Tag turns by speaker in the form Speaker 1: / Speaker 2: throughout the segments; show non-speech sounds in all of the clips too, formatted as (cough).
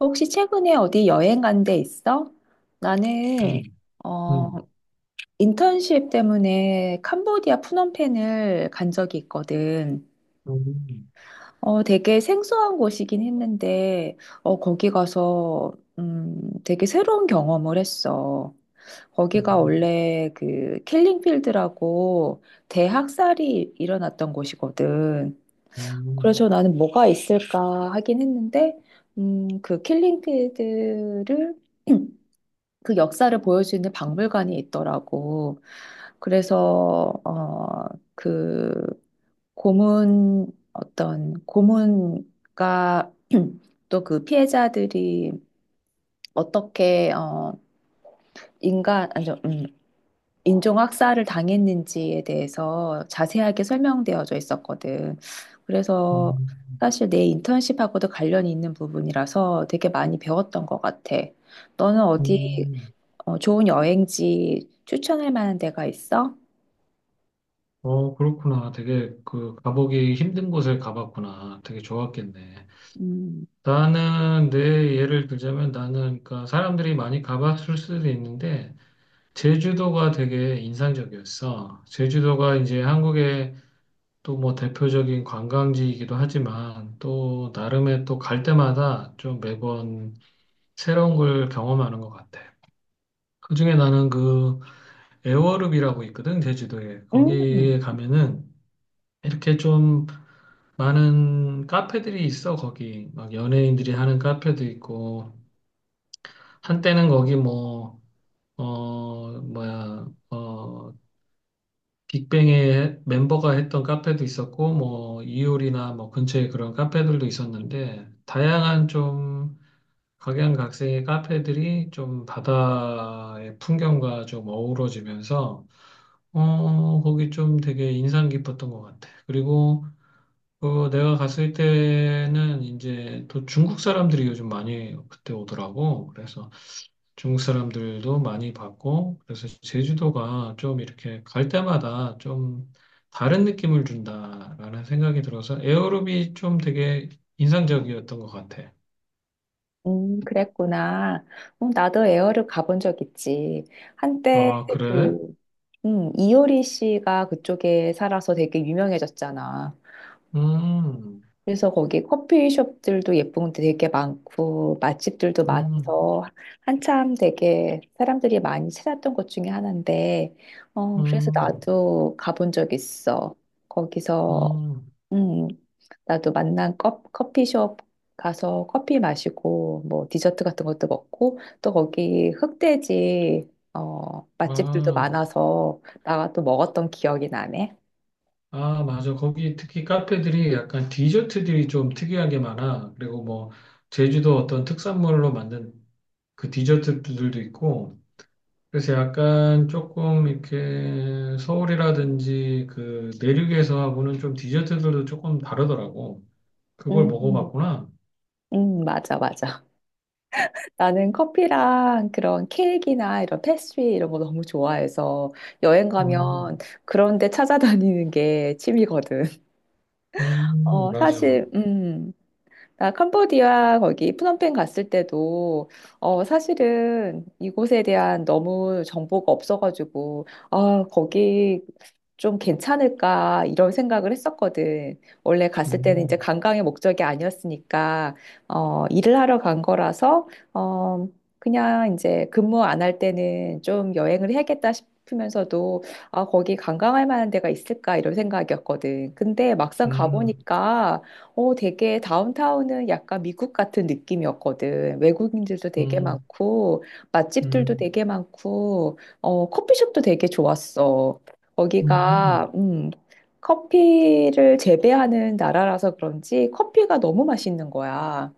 Speaker 1: 혹시 최근에 어디 여행 간 데 있어? 나는
Speaker 2: 음,
Speaker 1: 어,
Speaker 2: 음,
Speaker 1: 인턴십 때문에 캄보디아 푸놈펜을 간 적이 있거든.
Speaker 2: 음, 음,
Speaker 1: 되게 생소한 곳이긴 했는데 거기 가서 되게 새로운 경험을 했어. 거기가
Speaker 2: 음,
Speaker 1: 원래 그 킬링필드라고 대학살이 일어났던 곳이거든.
Speaker 2: 음,
Speaker 1: 그래서 나는 뭐가 있을까 하긴 했는데 그 킬링필드를 (clears throat) 그 역사를 보여주는 박물관이 있더라고. 그래서 어, 그 고문 어떤 고문과 (clears throat) 또 그 피해자들이 어떻게 인간 아니죠. 인종 학살을 당했는지에 대해서 자세하게 설명되어져 있었거든. 그래서
Speaker 2: 음. 음,
Speaker 1: 사실 내 인턴십하고도 관련이 있는 부분이라서 되게 많이 배웠던 것 같아. 너는 어디
Speaker 2: 음.
Speaker 1: 좋은 여행지 추천할 만한 데가 있어?
Speaker 2: 어, 그렇구나. 되게 그 가보기 힘든 곳을 가봤구나. 되게 좋았겠네.
Speaker 1: 음,
Speaker 2: 나는 내 예를 들자면 나는 그러니까 사람들이 많이 가봤을 수도 있는데 제주도가 되게 인상적이었어. 제주도가 이제 한국의 또 뭐 대표적인 관광지이기도 하지만 또 나름의 또 갈 때마다 좀 매번 새로운 걸 경험하는 것 같아. 그중에 나는 그 애월읍이라고 있거든, 제주도에. 거기에
Speaker 1: 음,
Speaker 2: 가면은 이렇게 좀 많은 카페들이 있어, 거기. 막 연예인들이 하는 카페도 있고, 한때는 거기 뭐, 뭐야, 빅뱅의 멤버가 했던 카페도 있었고, 뭐, 이효리나 뭐 근처에 그런 카페들도 있었는데, 다양한 좀 각양각색의 카페들이 좀 바다의 풍경과 좀 어우러지면서 거기 좀 되게 인상 깊었던 것 같아. 그리고 그 내가 갔을 때는 이제 또 중국 사람들이 요즘 많이 그때 오더라고. 그래서 중국 사람들도 많이 봤고, 그래서 제주도가 좀 이렇게 갈 때마다 좀 다른 느낌을 준다라는 생각이 들어서 에어로빅이 좀 되게 인상적이었던 것 같아.
Speaker 1: 그랬구나. 나도 에어를 가본 적 있지. 한때
Speaker 2: 아, 그래?
Speaker 1: 그, 이효리 씨가 그쪽에 살아서 되게 유명해졌잖아.
Speaker 2: 음,
Speaker 1: 그래서 거기 커피숍들도 예쁜 곳도 되게 많고, 맛집들도
Speaker 2: 음,
Speaker 1: 많아서 한참 되게 사람들이 많이 찾았던 곳 중에 하나인데, 그래서
Speaker 2: 음,
Speaker 1: 나도 가본 적 있어. 거기서
Speaker 2: 음,
Speaker 1: 음, 나도 만난 커피숍 가서 커피 마시고, 뭐, 디저트 같은 것도 먹고, 또 거기 흑돼지, 맛집들도
Speaker 2: 아.
Speaker 1: 많아서, 나가 또 먹었던 기억이 나네.
Speaker 2: 아, 맞아. 거기 특히 카페들이 약간 디저트들이 좀 특이하게 많아. 그리고 뭐, 제주도 어떤 특산물로 만든 그 디저트들도 있고, 그래서 약간 조금 이렇게 서울이라든지 그 내륙에서하고는 좀 디저트들도 조금 다르더라고. 그걸
Speaker 1: 음,
Speaker 2: 먹어봤구나.
Speaker 1: 맞아, 맞아. (laughs) 나는 커피랑 그런 케이크나 이런 패스트리 이런 거 너무 좋아해서, 여행
Speaker 2: 음,
Speaker 1: 가면 그런 데 찾아다니는 게 취미거든. (laughs)
Speaker 2: 맞아.
Speaker 1: 사실, 나 캄보디아 거기 프놈펜 갔을 때도 사실은 이곳에 대한 너무 정보가 없어가지고 거기 좀 괜찮을까 이런 생각을 했었거든. 원래 갔을 때는 이제
Speaker 2: 음,
Speaker 1: 관광의 목적이 아니었으니까 일을 하러 간 거라서 어 그냥 이제 근무 안 할 때는 좀 여행을 해야겠다 싶으면서도 거기 관광할 만한 데가 있을까 이런 생각이었거든. 근데 막상
Speaker 2: 음,
Speaker 1: 가보니까 되게 다운타운은 약간 미국 같은 느낌이었거든. 외국인들도 되게
Speaker 2: 음,
Speaker 1: 많고, 맛집들도
Speaker 2: 음,
Speaker 1: 되게 많고, 커피숍도 되게 좋았어.
Speaker 2: 음.
Speaker 1: 거기가, 커피를 재배하는 나라라서 그런지 커피가 너무 맛있는 거야.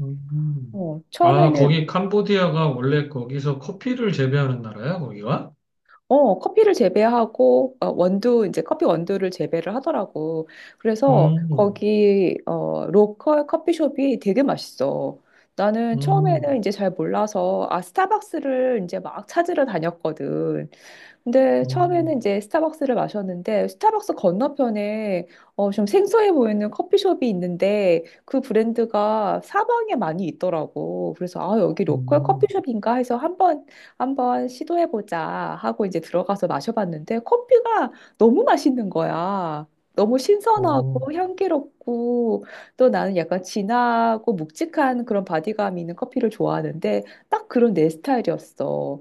Speaker 2: 음.
Speaker 1: 어,
Speaker 2: 아,
Speaker 1: 처음에는,
Speaker 2: 거기 캄보디아가 원래 거기서 커피를 재배하는 나라야, 거기가?
Speaker 1: 커피를 재배하고, 이제 커피 원두를 재배를 하더라고. 그래서
Speaker 2: 음,
Speaker 1: 거기, 로컬 커피숍이 되게 맛있어. 나는 처음에는
Speaker 2: 음,
Speaker 1: 이제 잘 몰라서, 스타벅스를 이제 막 찾으러 다녔거든. 근데 처음에는
Speaker 2: 음,
Speaker 1: 이제 스타벅스를 마셨는데 스타벅스 건너편에 좀 생소해 보이는 커피숍이 있는데 그 브랜드가 사방에 많이 있더라고. 그래서 여기 로컬
Speaker 2: 음,
Speaker 1: 커피숍인가 해서 한번 시도해 보자 하고 이제 들어가서 마셔봤는데 커피가 너무 맛있는 거야. 너무
Speaker 2: 어,
Speaker 1: 신선하고 향기롭고 또 나는 약간 진하고 묵직한 그런 바디감 있는 커피를 좋아하는데 딱 그런 내 스타일이었어.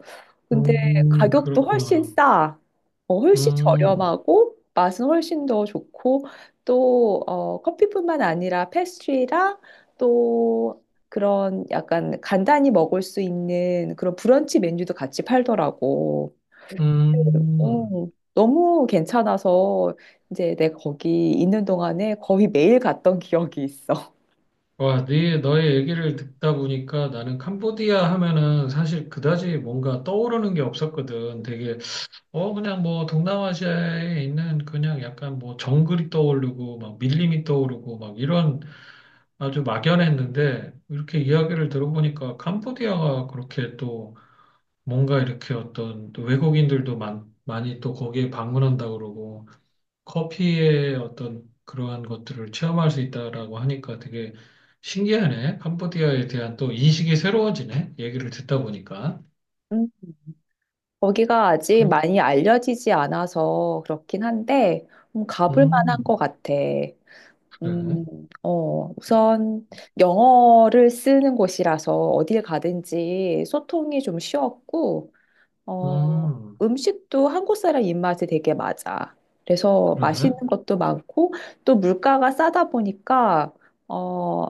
Speaker 1: 가격도 훨씬
Speaker 2: 그렇구나.
Speaker 1: 싸, 훨씬
Speaker 2: 음,
Speaker 1: 저렴하고 맛은 훨씬 더 좋고 또 커피뿐만 아니라 패스트리랑 또 그런 약간 간단히 먹을 수 있는 그런 브런치 메뉴도 같이 팔더라고.
Speaker 2: 음.
Speaker 1: 어, 너무 괜찮아서 이제 내가 거기 있는 동안에 거의 매일 갔던 기억이 있어.
Speaker 2: 와, 네, 너의 얘기를 듣다 보니까 나는 캄보디아 하면은 사실 그다지 뭔가 떠오르는 게 없었거든. 되게, 그냥 뭐 동남아시아에 있는 그냥 약간 뭐 정글이 떠오르고 막 밀림이 떠오르고 막 이런 아주 막연했는데 이렇게 이야기를 들어보니까 캄보디아가 그렇게 또 뭔가 이렇게 어떤 또 외국인들도 많이 또 거기에 방문한다 그러고 커피의 어떤 그러한 것들을 체험할 수 있다라고 하니까 되게 신기하네. 캄보디아에 대한 또 인식이 새로워지네. 얘기를 듣다 보니까.
Speaker 1: 음, 거기가 아직
Speaker 2: 그렇,
Speaker 1: 많이 알려지지 않아서 그렇긴 한데 가볼 만한
Speaker 2: 음,
Speaker 1: 것 같아.
Speaker 2: 그래.
Speaker 1: 음, 우선 영어를 쓰는 곳이라서 어딜 가든지 소통이 좀 쉬웠고, 어,
Speaker 2: 음,
Speaker 1: 음식도 한국 사람 입맛에 되게 맞아. 그래서
Speaker 2: 그래.
Speaker 1: 맛있는 것도 많고, 또 물가가 싸다 보니까, 어,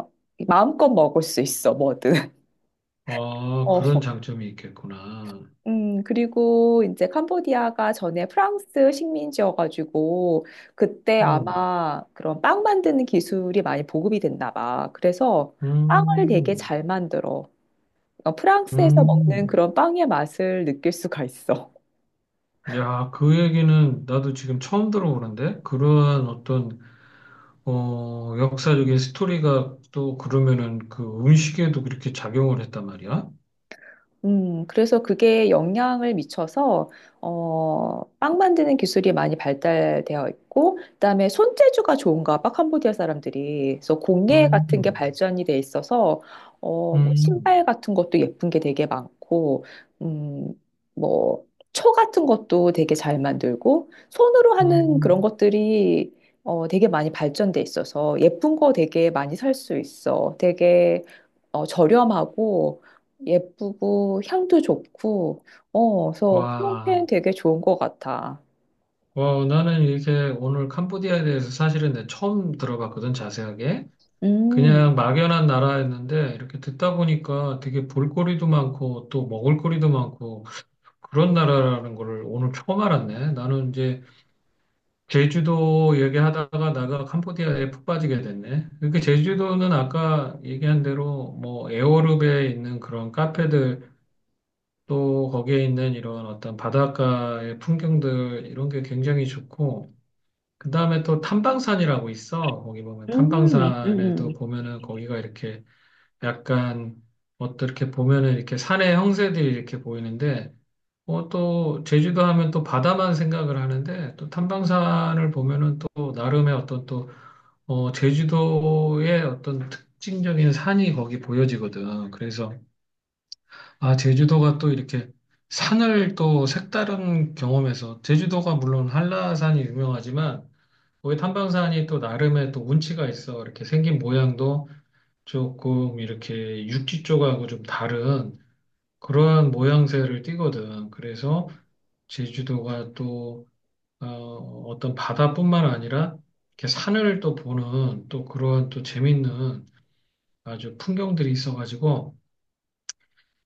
Speaker 1: 마음껏 먹을 수 있어, 뭐든. (laughs)
Speaker 2: 아, 그런 장점이 있겠구나.
Speaker 1: 그리고 이제 캄보디아가 전에 프랑스 식민지여가지고 그때
Speaker 2: 음,
Speaker 1: 아마 그런 빵 만드는 기술이 많이 보급이 됐나 봐. 그래서 빵을 되게
Speaker 2: 음,
Speaker 1: 잘 만들어. 프랑스에서 먹는
Speaker 2: 음.
Speaker 1: 그런 빵의 맛을 느낄 수가 있어.
Speaker 2: 야, 그 얘기는 나도 지금 처음 들어보는데? 그러한 어떤, 역사적인 스토리가 또 그러면은 그 음식에도 그렇게 작용을 했단 말이야?
Speaker 1: 그래서 그게 영향을 미쳐서, 빵 만드는 기술이 많이 발달되어 있고, 그다음에 손재주가 좋은가 봐, 캄보디아 사람들이. 그래서 공예 같은 게
Speaker 2: 음,
Speaker 1: 발전이 돼 있어서, 뭐
Speaker 2: 음,
Speaker 1: 신발 같은 것도 예쁜 게 되게 많고, 음, 뭐, 초 같은 것도 되게 잘 만들고, 손으로 하는 그런
Speaker 2: 음.
Speaker 1: 것들이, 되게 많이 발전돼 있어서, 예쁜 거 되게 많이 살 수 있어. 되게, 저렴하고, 예쁘고 향도 좋고 그래서 프롱팬
Speaker 2: 와,
Speaker 1: 되게 좋은 것 같아.
Speaker 2: 와, 나는 이렇게 오늘 캄보디아에 대해서 사실은 내 처음 들어봤거든, 자세하게.
Speaker 1: 음,
Speaker 2: 그냥 막연한 나라였는데 이렇게 듣다 보니까 되게 볼거리도 많고 또 먹을거리도 많고 그런 나라라는 거를 오늘 처음 알았네. 나는 이제 제주도 얘기하다가 나가 캄보디아에 푹 빠지게 됐네. 이렇게 제주도는 아까 얘기한 대로 뭐 에어룹에 있는 그런 카페들 또 거기에 있는 이런 어떤 바닷가의 풍경들 이런 게 굉장히 좋고 그다음에 또 탐방산이라고 있어. 거기 보면
Speaker 1: 음,
Speaker 2: 탐방산에도
Speaker 1: 음.
Speaker 2: 보면은 거기가 이렇게 약간 어떻게 보면은 이렇게 산의 형세들이 이렇게 보이는데 또 제주도 하면 또 바다만 생각을 하는데 또 탐방산을 보면은 또 나름의 어떤 또 제주도의 어떤 특징적인 산이 거기 보여지거든. 그래서 아, 제주도가 또 이렇게 산을 또 색다른 경험에서 제주도가 물론 한라산이 유명하지만 거기 탐방산이 또 나름의 또 운치가 있어. 이렇게 생긴 모양도 조금 이렇게 육지 쪽하고 좀 다른 그러한 모양새를 띠거든. 그래서 제주도가 또 떤 바다뿐만 아니라 이렇게 산을 또 보는 또 그러한 또 재밌는 아주 풍경들이 있어가지고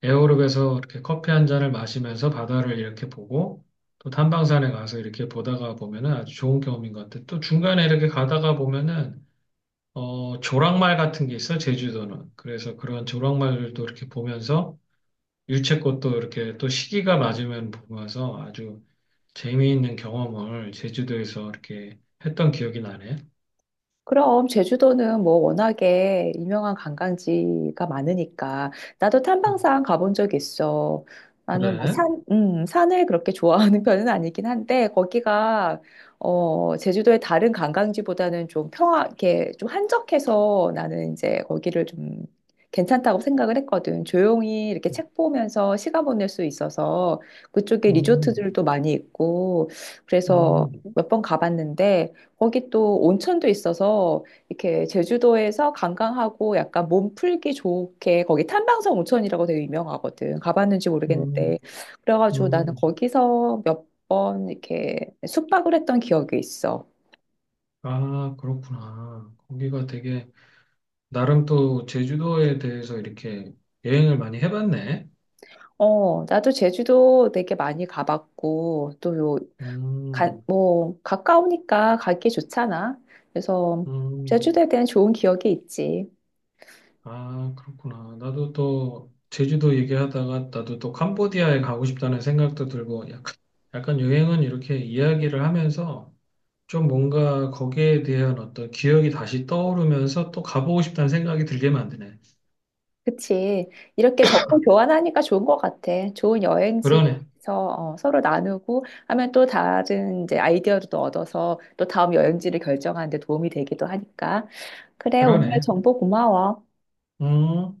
Speaker 2: 에어로빅에서 이렇게 커피 한 잔을 마시면서 바다를 이렇게 보고 또 탐방산에 가서 이렇게 보다가 보면은 아주 좋은 경험인 것 같아. 또 중간에 이렇게 가다가 보면은 조랑말 같은 게 있어, 제주도는. 그래서 그런 조랑말들도 이렇게 보면서 유채꽃도 이렇게 또 시기가 맞으면 보면서 아주 재미있는 경험을 제주도에서 이렇게 했던 기억이 나네.
Speaker 1: 그럼 제주도는 뭐 워낙에 유명한 관광지가 많으니까 나도
Speaker 2: 음,
Speaker 1: 탐방상 가본 적 있어. 나는 뭐
Speaker 2: 그래?
Speaker 1: 산을 그렇게 좋아하는 (laughs) 편은 아니긴 한데 거기가 제주도의 다른 관광지보다는 좀 이렇게 좀 한적해서 나는 이제 거기를 좀 괜찮다고 생각을 했거든. 조용히 이렇게 책 보면서 시간 보낼 수 있어서 그쪽에
Speaker 2: 음,
Speaker 1: 리조트들도 많이 있고 그래서
Speaker 2: 음,
Speaker 1: 몇 번 가봤는데 거기 또 온천도 있어서 이렇게 제주도에서 관광하고 약간 몸 풀기 좋게 거기 탐방성 온천이라고 되게 유명하거든. 가봤는지 모르겠는데.
Speaker 2: 음,
Speaker 1: 그래가지고 나는
Speaker 2: 음.
Speaker 1: 거기서 몇 번 이렇게 숙박을 했던 기억이 있어.
Speaker 2: 아, 그렇구나. 거기가 되게, 나름 또 제주도에 대해서 이렇게 여행을 많이 해봤네.
Speaker 1: 나도 제주도 되게 많이 가봤고 또
Speaker 2: 음,
Speaker 1: 뭐 가까우니까 가기 좋잖아. 그래서
Speaker 2: 음.
Speaker 1: 제주도에 대한 좋은 기억이 있지.
Speaker 2: 아, 그렇구나. 나도 또 제주도 얘기하다가 나도 또 캄보디아에 가고 싶다는 생각도 들고 약간, 여행은 이렇게 이야기를 하면서 좀 뭔가 거기에 대한 어떤 기억이 다시 떠오르면서 또 가보고 싶다는 생각이 들게 만드네.
Speaker 1: 그치. 이렇게 정보 교환하니까 좋은 것 같아. 좋은 여행지에서
Speaker 2: 그러네.
Speaker 1: 서로 나누고 하면 또 다른 이제 아이디어도 또 얻어서 또 다음 여행지를 결정하는 데 도움이 되기도 하니까. 그래, 오늘
Speaker 2: 그러네.
Speaker 1: 정보 고마워.
Speaker 2: 음.